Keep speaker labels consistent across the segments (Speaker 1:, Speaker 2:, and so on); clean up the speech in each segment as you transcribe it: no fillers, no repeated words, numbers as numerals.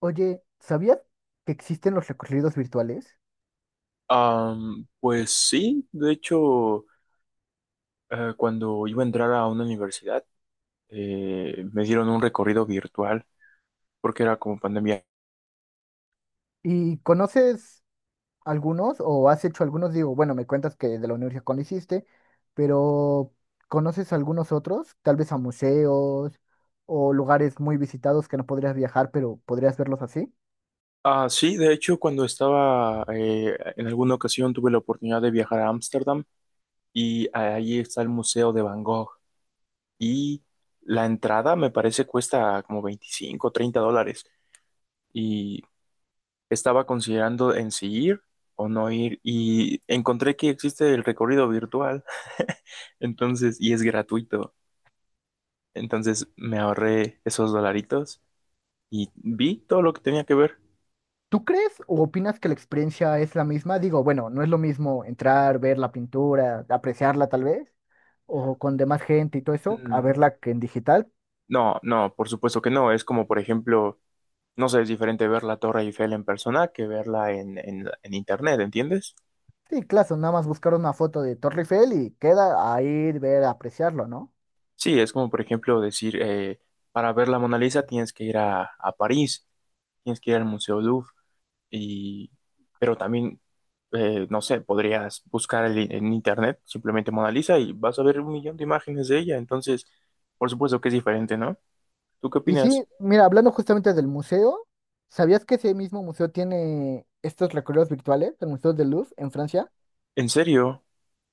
Speaker 1: Oye, ¿sabías que existen los recorridos virtuales?
Speaker 2: Pues sí, de hecho, cuando iba a entrar a una universidad, me dieron un recorrido virtual porque era como pandemia.
Speaker 1: ¿Y conoces algunos o has hecho algunos? Digo, bueno, me cuentas que de la universidad con hiciste, pero ¿conoces algunos otros? Tal vez a museos o lugares muy visitados que no podrías viajar, pero podrías verlos así.
Speaker 2: Ah, sí, de hecho, cuando estaba en alguna ocasión tuve la oportunidad de viajar a Ámsterdam y ahí está el Museo de Van Gogh y la entrada me parece cuesta como 25 o $30 y estaba considerando en si ir o no ir y encontré que existe el recorrido virtual, entonces, y es gratuito. Entonces me ahorré esos dolaritos y vi todo lo que tenía que ver.
Speaker 1: ¿Tú crees o opinas que la experiencia es la misma? Digo, bueno, no es lo mismo entrar, ver la pintura, apreciarla tal vez, o con demás gente y todo eso, a
Speaker 2: Mm,
Speaker 1: verla que en digital.
Speaker 2: no, no, por supuesto que no. Es como, por ejemplo, no sé, es diferente ver la Torre Eiffel en persona que verla en internet, ¿entiendes?
Speaker 1: Sí, claro, nada más buscar una foto de Torre Eiffel y queda ahí ver, apreciarlo, ¿no?
Speaker 2: Sí, es como, por ejemplo, decir, para ver la Mona Lisa tienes que ir a París, tienes que ir al Museo Louvre, y, pero también, no sé, podrías buscar en internet simplemente Mona Lisa y vas a ver un millón de imágenes de ella. Entonces, por supuesto que es diferente, ¿no? ¿Tú qué
Speaker 1: Y sí,
Speaker 2: opinas?
Speaker 1: mira, hablando justamente del museo, ¿sabías que ese mismo museo tiene estos recorridos virtuales, el Museo de Louvre en Francia?
Speaker 2: ¿En serio?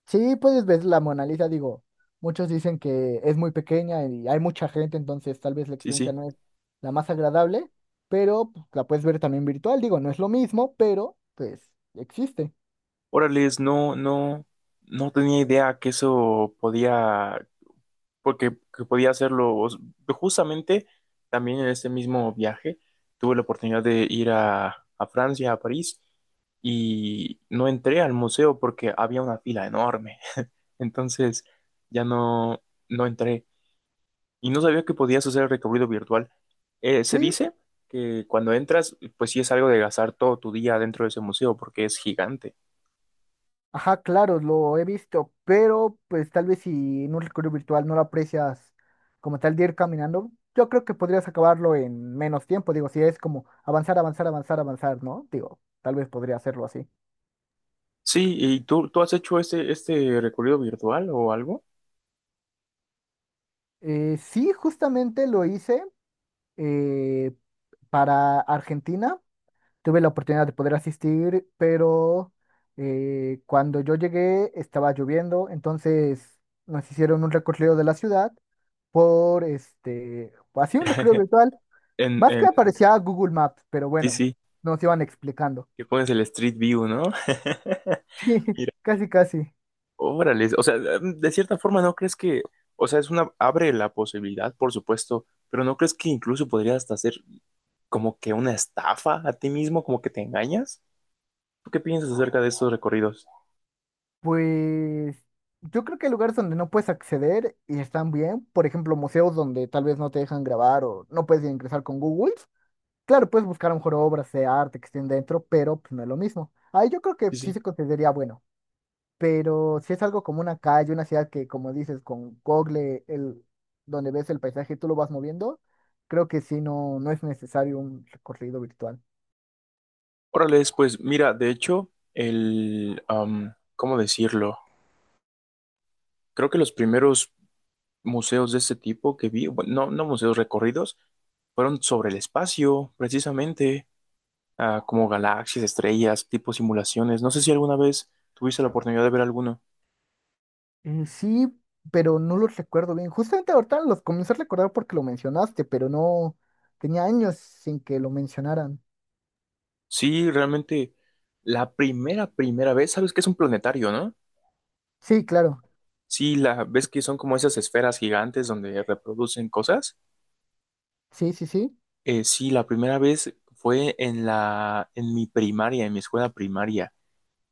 Speaker 1: Sí, puedes ver la Mona Lisa, digo, muchos dicen que es muy pequeña y hay mucha gente, entonces tal vez la
Speaker 2: Sí,
Speaker 1: experiencia
Speaker 2: sí.
Speaker 1: no es la más agradable, pero pues, la puedes ver también virtual, digo, no es lo mismo, pero pues existe.
Speaker 2: Órales, no, no, no tenía idea que eso podía, porque que podía hacerlo. Justamente también en este mismo viaje tuve la oportunidad de ir a Francia, a París, y no entré al museo porque había una fila enorme. Entonces ya no, no entré. Y no sabía que podías hacer recorrido virtual. Se
Speaker 1: Sí,
Speaker 2: dice que cuando entras, pues sí es algo de gastar todo tu día dentro de ese museo porque es gigante.
Speaker 1: ajá, claro, lo he visto, pero pues tal vez si en un recorrido virtual no lo aprecias como tal de ir caminando, yo creo que podrías acabarlo en menos tiempo, digo, si es como avanzar, avanzar, avanzar, avanzar, ¿no? Digo, tal vez podría hacerlo así.
Speaker 2: Sí, ¿y tú has hecho este recorrido virtual o algo?
Speaker 1: Sí, justamente lo hice eh, para Argentina. Tuve la oportunidad de poder asistir, pero cuando yo llegué estaba lloviendo, entonces nos hicieron un recorrido de la ciudad por este, pues, así un recorrido virtual,
Speaker 2: En,
Speaker 1: más que
Speaker 2: en,
Speaker 1: aparecía Google Maps, pero
Speaker 2: sí,
Speaker 1: bueno,
Speaker 2: sí,
Speaker 1: nos iban explicando.
Speaker 2: que pones el Street View, ¿no?
Speaker 1: Sí, casi, casi.
Speaker 2: Órale, o sea, de cierta forma, ¿no crees que, o sea, es una, abre la posibilidad, por supuesto, pero ¿no crees que incluso podrías hasta hacer como que una estafa a ti mismo, como que te engañas? ¿Tú qué piensas acerca de estos recorridos?
Speaker 1: Pues yo creo que hay lugares donde no puedes acceder y están bien, por ejemplo, museos donde tal vez no te dejan grabar o no puedes ingresar con Google. Claro, puedes buscar a lo mejor obras de arte que estén dentro, pero pues no es lo mismo. Ahí yo creo que
Speaker 2: Sí,
Speaker 1: sí
Speaker 2: sí.
Speaker 1: se consideraría bueno, pero si es algo como una calle, una ciudad que como dices, con Google, el, donde ves el paisaje, y tú lo vas moviendo, creo que sí no, no es necesario un recorrido virtual.
Speaker 2: Órale, pues mira, de hecho, el, ¿cómo decirlo? Creo que los primeros museos de este tipo que vi, bueno, no, no museos recorridos, fueron sobre el espacio, precisamente, ah, como galaxias, estrellas, tipo simulaciones. No sé si alguna vez tuviste la oportunidad de ver alguno.
Speaker 1: Sí, pero no los recuerdo bien. Justamente ahorita los comencé a recordar porque lo mencionaste, pero no tenía años sin que lo mencionaran.
Speaker 2: Sí, realmente, la primera vez, sabes que es un planetario, ¿no?
Speaker 1: Sí, claro.
Speaker 2: Sí, la ves que son como esas esferas gigantes donde reproducen cosas.
Speaker 1: Sí, sí, sí.
Speaker 2: Sí, la primera vez fue en en mi primaria, en mi escuela primaria.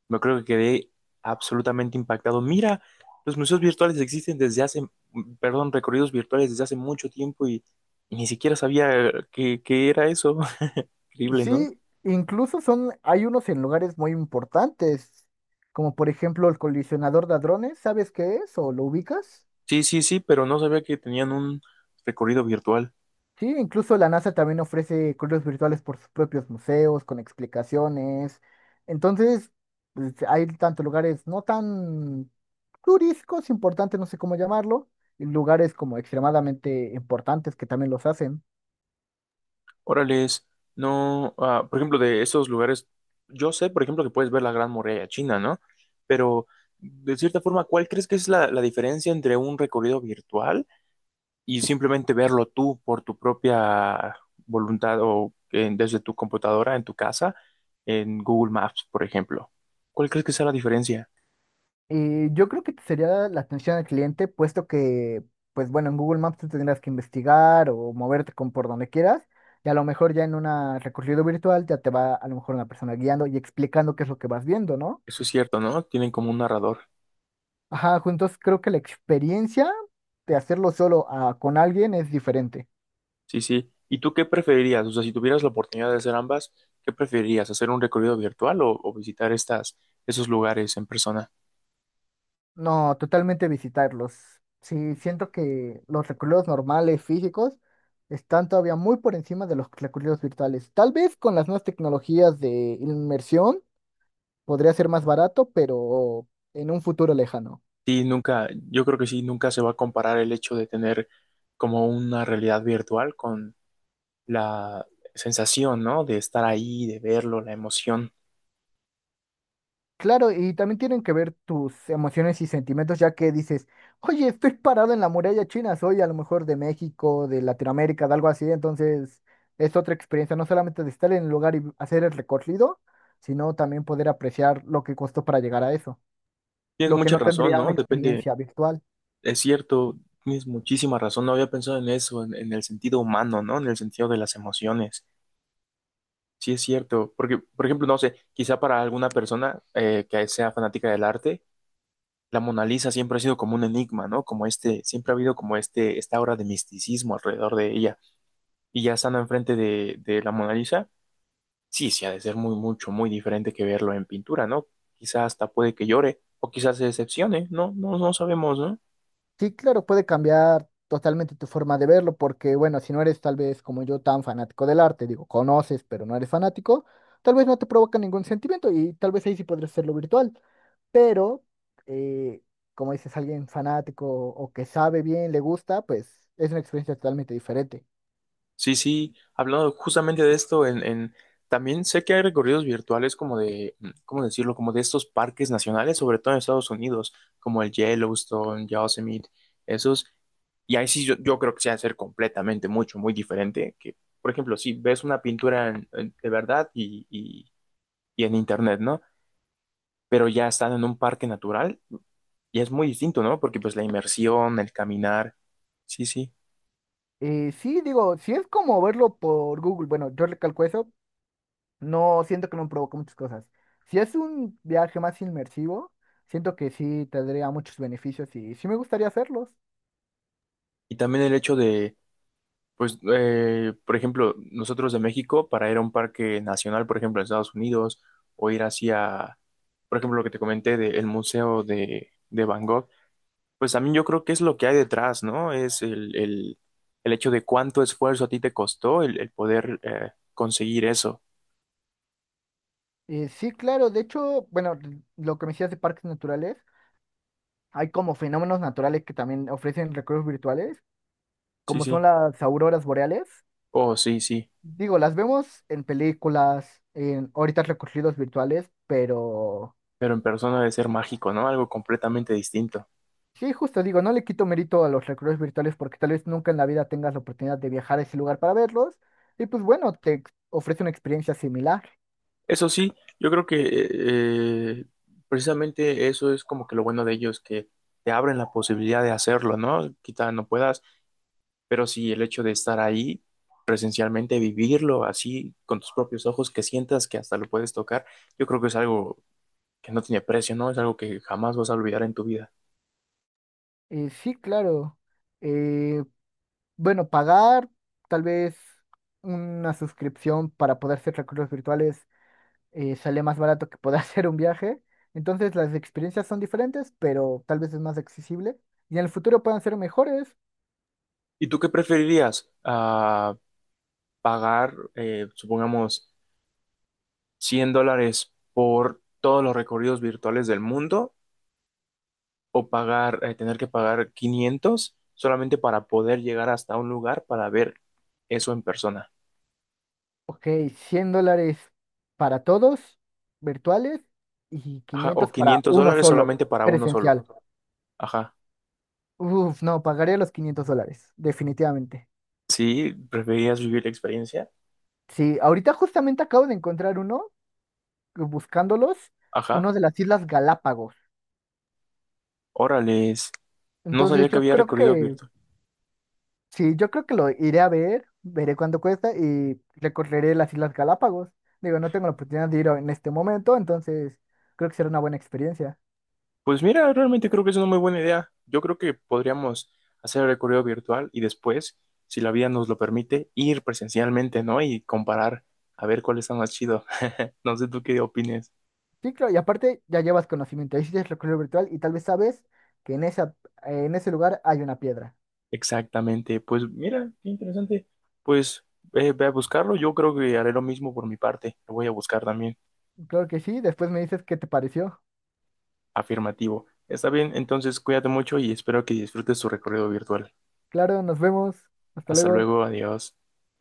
Speaker 2: Me acuerdo que quedé absolutamente impactado. Mira, los museos virtuales existen desde hace, perdón, recorridos virtuales desde hace mucho tiempo y ni siquiera sabía qué era eso. Increíble, ¿no?
Speaker 1: Sí, incluso son, hay unos en lugares muy importantes, como por ejemplo el colisionador de hadrones, ¿sabes qué es o lo ubicas?
Speaker 2: Sí, sí, sí, pero no sabía que tenían un recorrido virtual.
Speaker 1: Sí, incluso la NASA también ofrece cruces virtuales por sus propios museos, con explicaciones. Entonces, pues, hay tanto lugares no tan turísticos, importantes, no sé cómo llamarlo, y lugares como extremadamente importantes que también los hacen.
Speaker 2: Órales, no, ah, por ejemplo, de esos lugares, yo sé, por ejemplo, que puedes ver la Gran Muralla China, ¿no? Pero, de cierta forma, ¿cuál crees que es la diferencia entre un recorrido virtual y simplemente verlo tú por tu propia voluntad o desde tu computadora, en tu casa, en Google Maps, por ejemplo? ¿Cuál crees que sea la diferencia?
Speaker 1: Yo creo que sería la atención al cliente, puesto que, pues bueno, en Google Maps tú tendrás que investigar o moverte con por donde quieras, y a lo mejor ya en una recorrido virtual ya te va a lo mejor una persona guiando y explicando qué es lo que vas viendo, ¿no?
Speaker 2: Eso es cierto, ¿no? Tienen como un narrador.
Speaker 1: Ajá, juntos creo que la experiencia de hacerlo solo a- con alguien es diferente.
Speaker 2: Sí, sí. ¿Y tú qué preferirías? O sea, si tuvieras la oportunidad de hacer ambas, ¿qué preferirías? ¿Hacer un recorrido virtual o visitar estas, esos lugares en persona?
Speaker 1: No, totalmente visitarlos. Sí, siento que los recorridos normales, físicos, están todavía muy por encima de los recorridos virtuales. Tal vez con las nuevas tecnologías de inmersión podría ser más barato, pero en un futuro lejano.
Speaker 2: Sí, nunca, yo creo que sí, nunca se va a comparar el hecho de tener como una realidad virtual con la sensación, ¿no? De estar ahí, de verlo, la emoción.
Speaker 1: Claro, y también tienen que ver tus emociones y sentimientos, ya que dices, oye, estoy parado en la muralla china, soy a lo mejor de México, de Latinoamérica, de algo así, entonces es otra experiencia, no solamente de estar en el lugar y hacer el recorrido, sino también poder apreciar lo que costó para llegar a eso,
Speaker 2: Tienes
Speaker 1: lo que
Speaker 2: mucha
Speaker 1: no
Speaker 2: razón,
Speaker 1: tendría una
Speaker 2: ¿no? Depende,
Speaker 1: experiencia virtual.
Speaker 2: es cierto, tienes muchísima razón. No había pensado en eso, en el sentido humano, ¿no? En el sentido de las emociones. Sí, es cierto, porque, por ejemplo, no sé, quizá para alguna persona que sea fanática del arte, la Mona Lisa siempre ha sido como un enigma, ¿no? Como este, siempre ha habido como este, esta aura de misticismo alrededor de ella. Y ya estando enfrente de la Mona Lisa, sí, sí ha de ser muy, mucho, muy diferente que verlo en pintura, ¿no? Quizá hasta puede que llore, o quizás se decepcione, no, no, no sabemos, ¿no?
Speaker 1: Sí, claro, puede cambiar totalmente tu forma de verlo, porque bueno, si no eres tal vez como yo tan fanático del arte, digo, conoces, pero no eres fanático, tal vez no te provoca ningún sentimiento y tal vez ahí sí podrías hacerlo virtual, pero eh, como dices, alguien fanático o que sabe bien, le gusta, pues es una experiencia totalmente diferente.
Speaker 2: Sí, sí, hablando justamente de esto, también sé que hay recorridos virtuales como de, ¿cómo decirlo? Como de estos parques nacionales, sobre todo en Estados Unidos, como el Yellowstone, Yosemite, esos. Y ahí sí yo creo que se va a hacer completamente mucho, muy diferente. Que, por ejemplo, si ves una pintura de verdad y en internet, ¿no? Pero ya están en un parque natural y es muy distinto, ¿no? Porque pues la inmersión, el caminar, sí, sí.
Speaker 1: Sí, digo, si es como verlo por Google, bueno, yo recalco eso, no, siento que me provocó muchas cosas. Si es un viaje más inmersivo, siento que sí tendría muchos beneficios y sí me gustaría hacerlos.
Speaker 2: Y también el hecho pues, por ejemplo, nosotros de México, para ir a un parque nacional, por ejemplo, en Estados Unidos, o ir hacia, por ejemplo, lo que te comenté del Museo de Van Gogh, pues también yo creo que es lo que hay detrás, ¿no? Es el hecho de cuánto esfuerzo a ti te costó el poder conseguir eso.
Speaker 1: Sí, claro, de hecho, bueno, lo que me decías de parques naturales, hay como fenómenos naturales que también ofrecen recursos virtuales,
Speaker 2: Sí,
Speaker 1: como son
Speaker 2: sí.
Speaker 1: las auroras boreales.
Speaker 2: Oh, sí, sí.
Speaker 1: Digo, las vemos en películas, en ahorita recorridos virtuales, pero
Speaker 2: Pero en persona debe ser mágico, ¿no? Algo completamente distinto.
Speaker 1: sí, justo digo, no le quito mérito a los recorridos virtuales porque tal vez nunca en la vida tengas la oportunidad de viajar a ese lugar para verlos. Y pues bueno, te ofrece una experiencia similar.
Speaker 2: Eso sí, yo creo que eh, precisamente eso es como que lo bueno de ellos, que te abren la posibilidad de hacerlo, ¿no? Quizá no puedas, pero sí el hecho de estar ahí presencialmente, vivirlo así con tus propios ojos, que sientas que hasta lo puedes tocar, yo creo que es algo que no tiene precio, ¿no? Es algo que jamás vas a olvidar en tu vida.
Speaker 1: Sí, claro. Eh, bueno, pagar tal vez una suscripción para poder hacer recorridos virtuales sale más barato que poder hacer un viaje. Entonces las experiencias son diferentes, pero tal vez es más accesible. Y en el futuro puedan ser mejores.
Speaker 2: ¿Y tú qué preferirías? Ah, pagar, supongamos, $100 por todos los recorridos virtuales del mundo o pagar, tener que pagar 500 solamente para poder llegar hasta un lugar para ver eso en persona.
Speaker 1: Ok, $100 para todos, virtuales, y
Speaker 2: Ajá, o
Speaker 1: 500 para
Speaker 2: 500
Speaker 1: uno
Speaker 2: dólares solamente
Speaker 1: solo,
Speaker 2: para uno solo.
Speaker 1: presencial.
Speaker 2: Ajá.
Speaker 1: Uf, no, pagaría los $500, definitivamente.
Speaker 2: Sí, ¿preferías vivir la experiencia?
Speaker 1: Sí, ahorita justamente acabo de encontrar uno, buscándolos,
Speaker 2: Ajá.
Speaker 1: uno de las Islas Galápagos.
Speaker 2: Órales. No
Speaker 1: Entonces
Speaker 2: sabía que
Speaker 1: yo
Speaker 2: había
Speaker 1: creo
Speaker 2: recorrido
Speaker 1: que,
Speaker 2: virtual.
Speaker 1: sí, yo creo que lo iré a ver, veré cuánto cuesta y recorreré las Islas Galápagos. Digo, no tengo la oportunidad de ir en este momento, entonces creo que será una buena experiencia.
Speaker 2: Pues mira, realmente creo que es una muy buena idea. Yo creo que podríamos hacer el recorrido virtual y después, si la vida nos lo permite, ir presencialmente, ¿no? Y comparar a ver cuál está más chido. No sé tú qué opines.
Speaker 1: Sí, claro, y aparte ya llevas conocimiento, hiciste el recorrido virtual y tal vez sabes que en esa, en ese lugar hay una piedra.
Speaker 2: Exactamente, pues mira, qué interesante. Pues ve a buscarlo, yo creo que haré lo mismo por mi parte, lo voy a buscar también.
Speaker 1: Claro que sí, después me dices qué te pareció.
Speaker 2: Afirmativo. Está bien, entonces cuídate mucho y espero que disfrutes tu recorrido virtual.
Speaker 1: Claro, nos vemos. Hasta
Speaker 2: Hasta
Speaker 1: luego.
Speaker 2: luego, adiós.